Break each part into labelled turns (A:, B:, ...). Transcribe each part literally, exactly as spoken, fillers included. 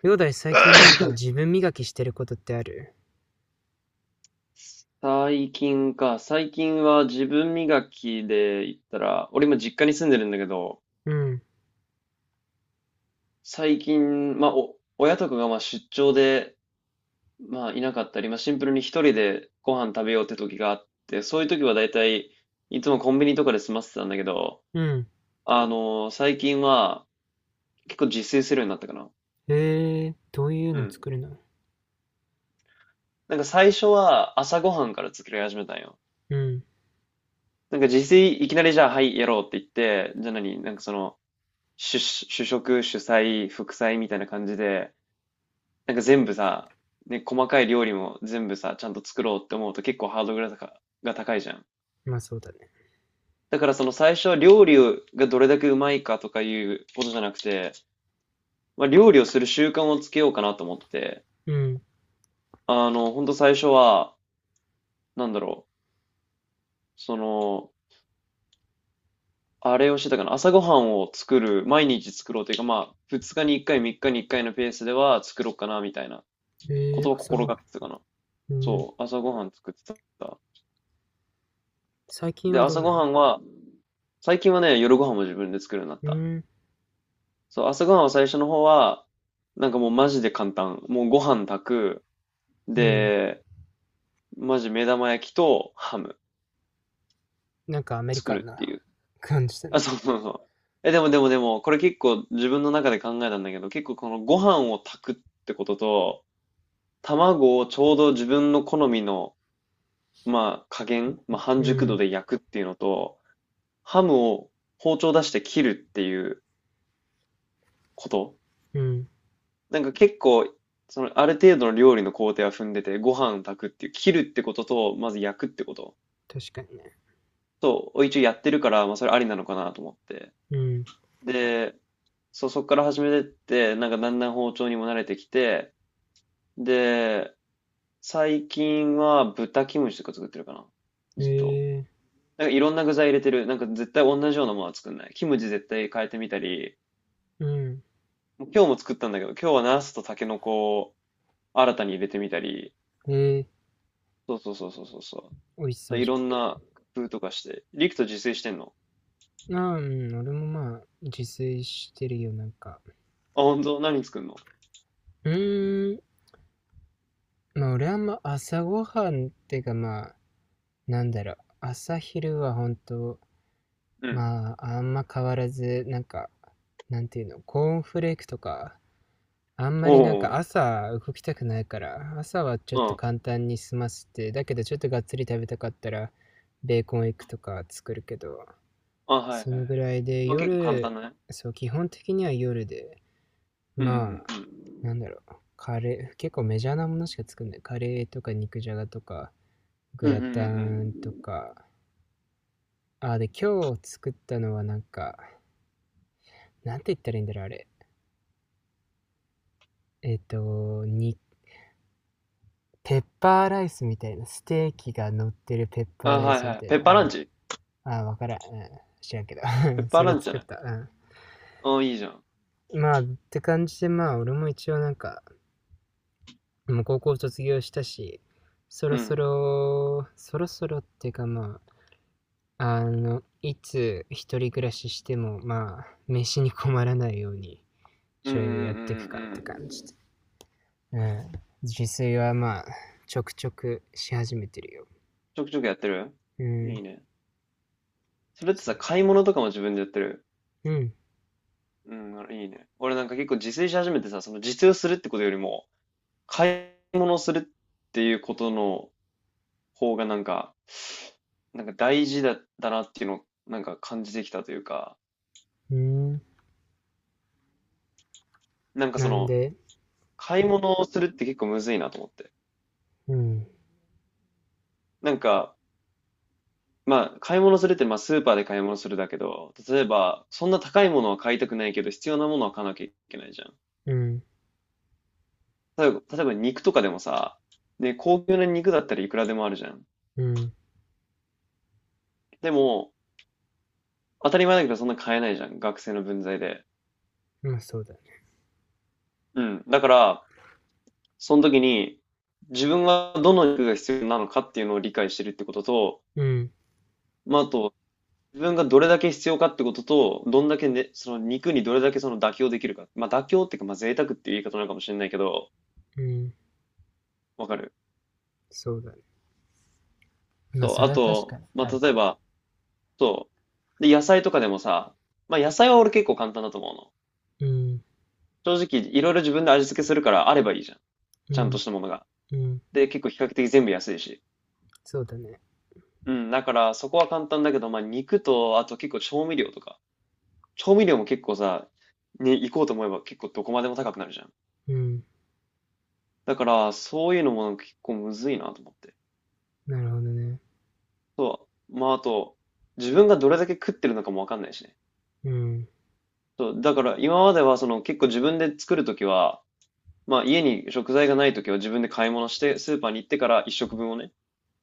A: ヨーダイ、最近なんか自分磨きしてることってある？
B: 最近か。最近は自分磨きで言ったら、俺今実家に住んでるんだけど、
A: うん、
B: 最近、まあ、お、親とかがまあ出張で、まあ、いなかったり、まあ、シンプルに一人でご飯食べようって時があって、そういう時は大体、いつもコンビニとかで済ませてたんだけど、
A: うん。
B: あのー最近は結構自炊するようになったかな。
A: へえー、どういう
B: う
A: の
B: ん。
A: 作るの？
B: なんか最初は朝ごはんから作り始めたんよ。
A: うん、
B: なんか自炊いきなりじゃあ、はい、やろうって言って、じゃあ何なんかその、主、主食、主菜、副菜みたいな感じで、なんか全部さ、ね、細かい料理も全部さ、ちゃんと作ろうって思うと結構ハードルが高が高いじゃん。
A: まあそうだね。
B: だからその最初は料理をがどれだけうまいかとかいうことじゃなくて、まあ、料理をする習慣をつけようかなと思って、
A: うん。
B: あの、ほんと最初は、なんだろう、その、あれをしてたかな、朝ごはんを作る、毎日作ろうというか、まあ、ふつかにいっかい、みっかにいっかいのペースでは作ろうかなみたいな
A: へ
B: こ
A: え
B: と
A: ー、
B: を
A: 朝
B: 心
A: ご
B: が
A: は
B: けてたかな。
A: ん。うん。
B: そう、朝ごはん作ってた。
A: 最近
B: で、
A: はどう
B: 朝ご
A: な
B: は
A: ん？
B: んは、最近はね、夜ごはんも自分で作るようになっ
A: う
B: た。
A: ん、
B: そう、朝ごはんは最初の方は、なんかもうマジで簡単。もうご飯炊く。
A: うん。
B: で、マジ目玉焼きとハム
A: なんかアメリカ
B: 作
A: ン
B: るって
A: な
B: いう。
A: 感じだね。
B: あ、そうそうそう。え、でもでもでも、これ結構自分の中で考えたんだけど、結構このご飯を炊くってことと、卵をちょうど自分の好みの、まあ加減、まあ半
A: う
B: 熟度
A: ん、
B: で焼くっていうのと、ハムを包丁出して切るっていうこと。
A: うん。
B: なんか結構、その、ある程度の料理の工程は踏んでて、ご飯炊くっていう、切るってことと、まず焼くってこと。
A: 確かにね。
B: と、一応やってるから、まあそれありなのかなと思って。
A: うん。
B: で、そう、そっから始めてって、なんかだんだん包丁にも慣れてきて、で、最近は豚キムチとか作ってるかな。
A: へ
B: ずっと。
A: え
B: なんかいろんな具材入れてる。なんか絶対同じようなものは作んない。キムチ絶対変えてみたり、
A: ー、う
B: 今日も作ったんだけど、今日はナスとタケノコ新たに入れてみたり、
A: ん。へえー、
B: そうそうそうそうそうそ
A: 美味し
B: う。
A: そ
B: で
A: う
B: い
A: じゃ
B: ろん
A: ん。
B: な工夫とかして。リクト自炊してんの？
A: ああ、うん、俺もまあ、自炊してるよ、なんか。
B: あ、本当何作んの？
A: うーん、まあ俺はあんま朝ごはんってかまあ、なんだろう、朝昼は本当、
B: うん。
A: まあ、あんま変わらず、なんか、なんていうの、コーンフレークとか、あんま
B: お
A: りなんか
B: お、
A: 朝動きたくないから、朝はちょっ
B: う
A: と
B: ん。
A: 簡単に済ませて、だけどちょっとがっつり食べたかったら、ベーコンエッグとか作るけど、
B: あ、はい
A: そ
B: は
A: のぐ
B: い。
A: らいで、
B: まあ結構簡
A: 夜、
B: 単だね。
A: そう、基本的には夜で、
B: うんう
A: まあ、
B: ん
A: なんだろう、カレー、結構メジャーなものしか作んない。カレーとか肉じゃがとか、グ
B: うんうん。
A: ラ
B: うんうんうん
A: タ
B: うん。
A: ンとか、あ、で、今日作ったのはなんか、なんて言ったらいいんだろう、あれ。えっ、と、に、ペッパーライスみたいな、ステーキが乗ってるペッ
B: あ、
A: パーライ
B: は
A: ス
B: いは
A: み
B: い。
A: たい
B: ペ
A: な。
B: ッ
A: う
B: パーラン
A: ん、
B: チ。
A: あ、わからん。うん、知らんけど。
B: ペッ パー
A: それ
B: ランチじゃ
A: 作っ
B: ない？
A: た。
B: あ、いいじゃん。
A: うん。まあ、って感じで、まあ、俺も一応なんか、もう高校卒業したし、そ
B: う
A: ろそ
B: ん。
A: ろ、そろそろっていうかまあ、あの、いつ一人暮らししても、まあ、飯に困らないように、
B: うん
A: ち
B: うん
A: ょ
B: うんうん
A: いやっていくかっ
B: う
A: て感じ
B: ん。
A: で。うん。自炊はまあ、ちょくちょくし始めてるよ。
B: ちょくちょくやってる？
A: う
B: い
A: ん。
B: いね。それって
A: そう。
B: さ、買い物とかも自分でやってる？
A: うん。
B: うん、あいいね。俺なんか結構自炊し始めてさ、その自炊をするってことよりも、買い物するっていうことの方がなんか、なんか大事だ、だなっていうのをなんか感じてきたというか、
A: うん。
B: なんかそ
A: なん
B: の、
A: で？
B: 買い物をするって結構むずいなと思って。
A: うん。
B: なんか、まあ、買い物するってまあスーパーで買い物するだけど、例えば、そんな高いものは買いたくないけど、必要なものは買わなきゃいけないじゃん。
A: うん。
B: 例えば、例えば肉とかでもさ、ね、高級な肉だったらいくらでもあるじゃん。
A: うん。
B: でも、当たり前だけどそんな買えないじゃん。学生の分際で。
A: まあそうだね。
B: うん。だから、その時に、自分はどの肉が必要なのかっていうのを理解してるってことと、
A: うん。
B: まあ、あと、自分がどれだけ必要かってことと、どんだけね、その肉にどれだけその妥協できるか。まあ、妥協っていうか、まあ、贅沢っていう言い方なのかもしれないけど、
A: うん。
B: わかる。
A: そうだね。まあそ
B: と、
A: れ
B: あ
A: は確か
B: と、
A: に
B: ま
A: ある
B: あ、例え
A: かも。
B: ば、そう。で、野菜とかでもさ、まあ、野菜は俺結構簡単だと思うの。
A: うん。
B: 正直、いろいろ自分で味付けするからあればいいじゃん。
A: う
B: ちゃんと
A: ん。
B: したものが。
A: うん。
B: で、結構比較的全部安いし。
A: そうだね。
B: うん、だからそこは簡単だけど、まあ、肉と、あと結構調味料とか。調味料も結構さ、ね、行こうと思えば結構どこまでも高くなるじゃん。
A: うん。
B: だから、そういうのも結構むずいなと思って。
A: なるほどね。
B: そう。まあ、あと、自分がどれだけ食ってるのかもわかんないしね。
A: うん。
B: そう。だから、今まではその結構自分で作るときは、まあ、家に食材がないときは自分で買い物して、スーパーに行ってから一食分をね、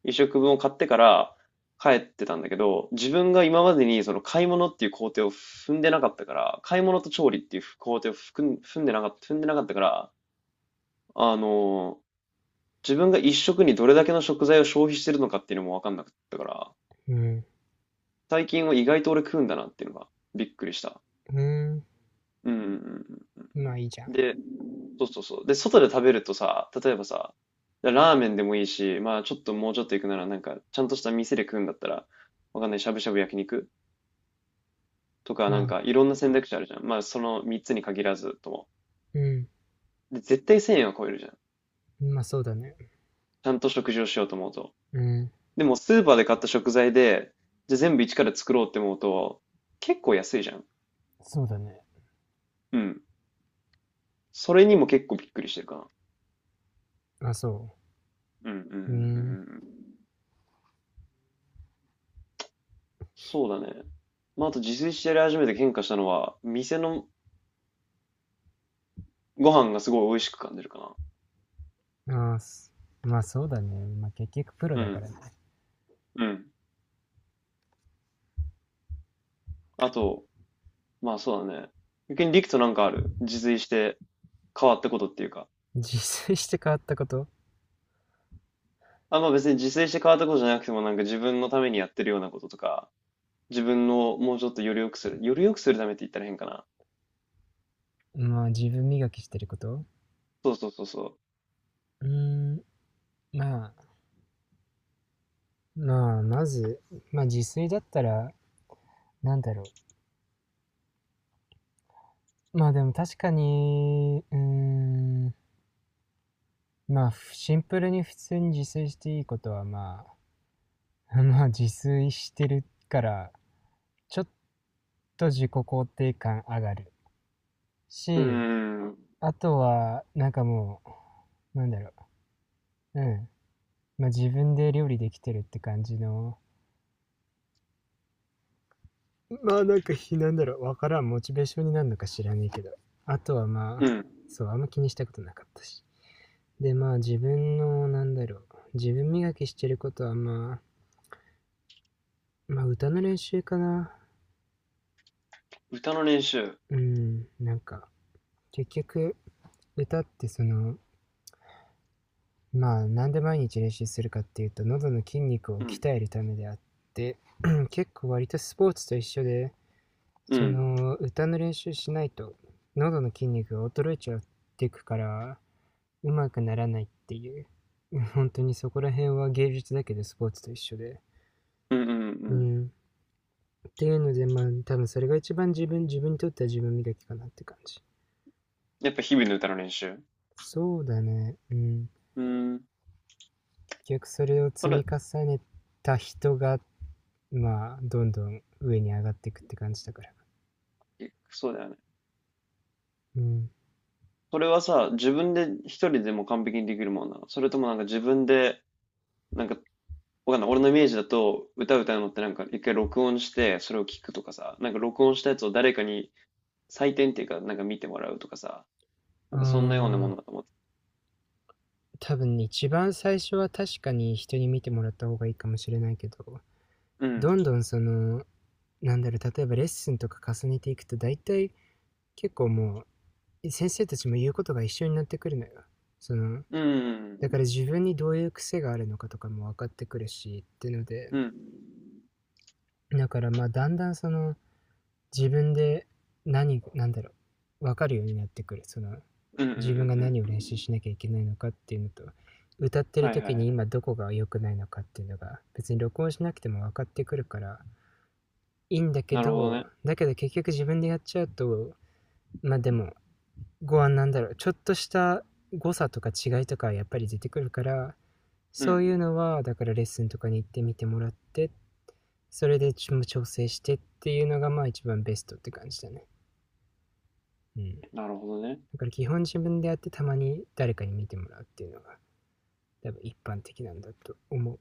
B: 一食分を買ってから帰ってたんだけど、自分が今までにその買い物っていう工程を踏んでなかったから、買い物と調理っていう工程を踏ん踏んでなかった、踏んでなかったから、あの自分が一食にどれだけの食材を消費してるのかっていうのも分かんなかったから、
A: うん。
B: 最近は意外と俺食うんだなっていうのがびっくりした。
A: う
B: うんうんうんうん。
A: ん。まあいいじゃん。
B: で、そうそうそう。で、外で食べるとさ、例えばさ、ラーメンでもいいし、まあちょっともうちょっと行くなら、なんかちゃんとした店で食うんだったら、わかんない、しゃぶしゃぶ焼肉とか、なん
A: あ、
B: かいろんな選択肢あるじゃん。まあそのみっつに限らずとも。
A: うん。
B: で、絶対せんえんは超えるじゃん。
A: まあそうだね。
B: ちゃんと食事をしようと思うと。
A: うん。
B: でもスーパーで買った食材で、じゃあ全部一から作ろうって思うと、結構安いじゃん。
A: そうだね。
B: うん。それにも結構びっくりしてるかな。
A: まあ、そ
B: うんうんうんう
A: う。う
B: ん
A: ん。
B: うん。そうだね。まあ、あと自炊してやり始めて変化したのは、店のご飯がすごい美味しく感じるか
A: あ、まあそうだね。まあ結局プロ
B: な。う
A: だからね。
B: ん。うん。あと、まあそうだね。逆にリクとなんかある自炊して変わったことっていうか。
A: 自炊して変わったこと？
B: あ、まあ別に自炊して変わったことじゃなくてもなんか自分のためにやってるようなこととか、自分をもうちょっとより良くする。より良くするためって言ったら変かな。
A: まあ自分磨きしてること。
B: そうそうそうそ
A: うーん、まあ、まあまず、まあ自炊だったら、なんだろうまあでも確かに、うーん、まあシンプルに普通に自炊していいことはまあ まあ自炊してるからちょっと自己肯定感上がる
B: う。うー
A: し、
B: ん。
A: あとはなんかもう、なんだろううんまあ自分で料理できてるって感じの、まあなんかひなんだろうわからん、モチベーションになるのか知らねえけど、あとはま
B: う
A: あ、
B: ん。
A: そうあんま気にしたことなかったし、でまあ自分の、なんだろう自分磨きしてることはまあ、まあ歌の練習かな。
B: 歌の練習。
A: うん、なんか結局歌って、その、まあなんで毎日練習するかっていうと喉の筋肉を
B: うん。
A: 鍛えるためであって、 結構割とスポーツと一緒で、
B: う
A: そ
B: ん。
A: の歌の練習しないと喉の筋肉が衰えちゃっていくからうまくならないっていう。 本当にそこら辺は芸術だけどスポーツと一緒で、
B: うんうんう
A: う
B: ん。
A: ん、っていうので、まあ多分それが一番自分自分にとっては自分磨きかなって感じ。
B: やっぱ日々の歌の練習。
A: そうだね、うん。
B: うーん。
A: 結局それを
B: そ
A: 積み
B: れ、
A: 重ねた人がまあどんどん上に上がっていくって感じだから。
B: えそうだよね。
A: うん。
B: それはさ、自分で一人でも完璧にできるもんなの？それともなんか自分で、なんか、わかんない。俺のイメージだと、歌歌うのってなんか一回録音して、それを聞くとかさ、なんか録音したやつを誰かに採点っていうか、なんか見てもらうとかさ、
A: あ
B: なんかそんなようなも
A: ん、
B: のだと思って。
A: 多分一番最初は確かに人に見てもらった方がいいかもしれないけど、
B: うん。
A: どんどんその、なんだろう例えばレッスンとか重ねていくと大体、結構もう先生たちも言うことが一緒になってくるのよ。その、
B: う
A: だか
B: ん。
A: ら自分にどういう癖があるのかとかも分かってくるし、っていうので、
B: うん。
A: だからまあだんだんその自分で、何、なんだろう、分かるようになってくる。その、
B: うんうんうん
A: 自分が何を
B: うん。
A: 練習しなきゃいけないのかっていうのと、歌ってる
B: はいはい
A: 時
B: は
A: に
B: い。
A: 今どこが良くないのかっていうのが別に録音しなくても分かってくるからいいんだけ
B: なるほど
A: ど、
B: ね。
A: だけど結局自分でやっちゃうと、まあでも、ご案なんだろうちょっとした誤差とか違いとかやっぱり出てくるから、
B: う
A: そうい
B: ん。
A: うのはだからレッスンとかに行ってみてもらって、それで調整してっていうのがまあ一番ベストって感じだね。うん。
B: なるほどね。
A: だから基本自分でやって、たまに誰かに見てもらうっていうのが多分一般的なんだと思う。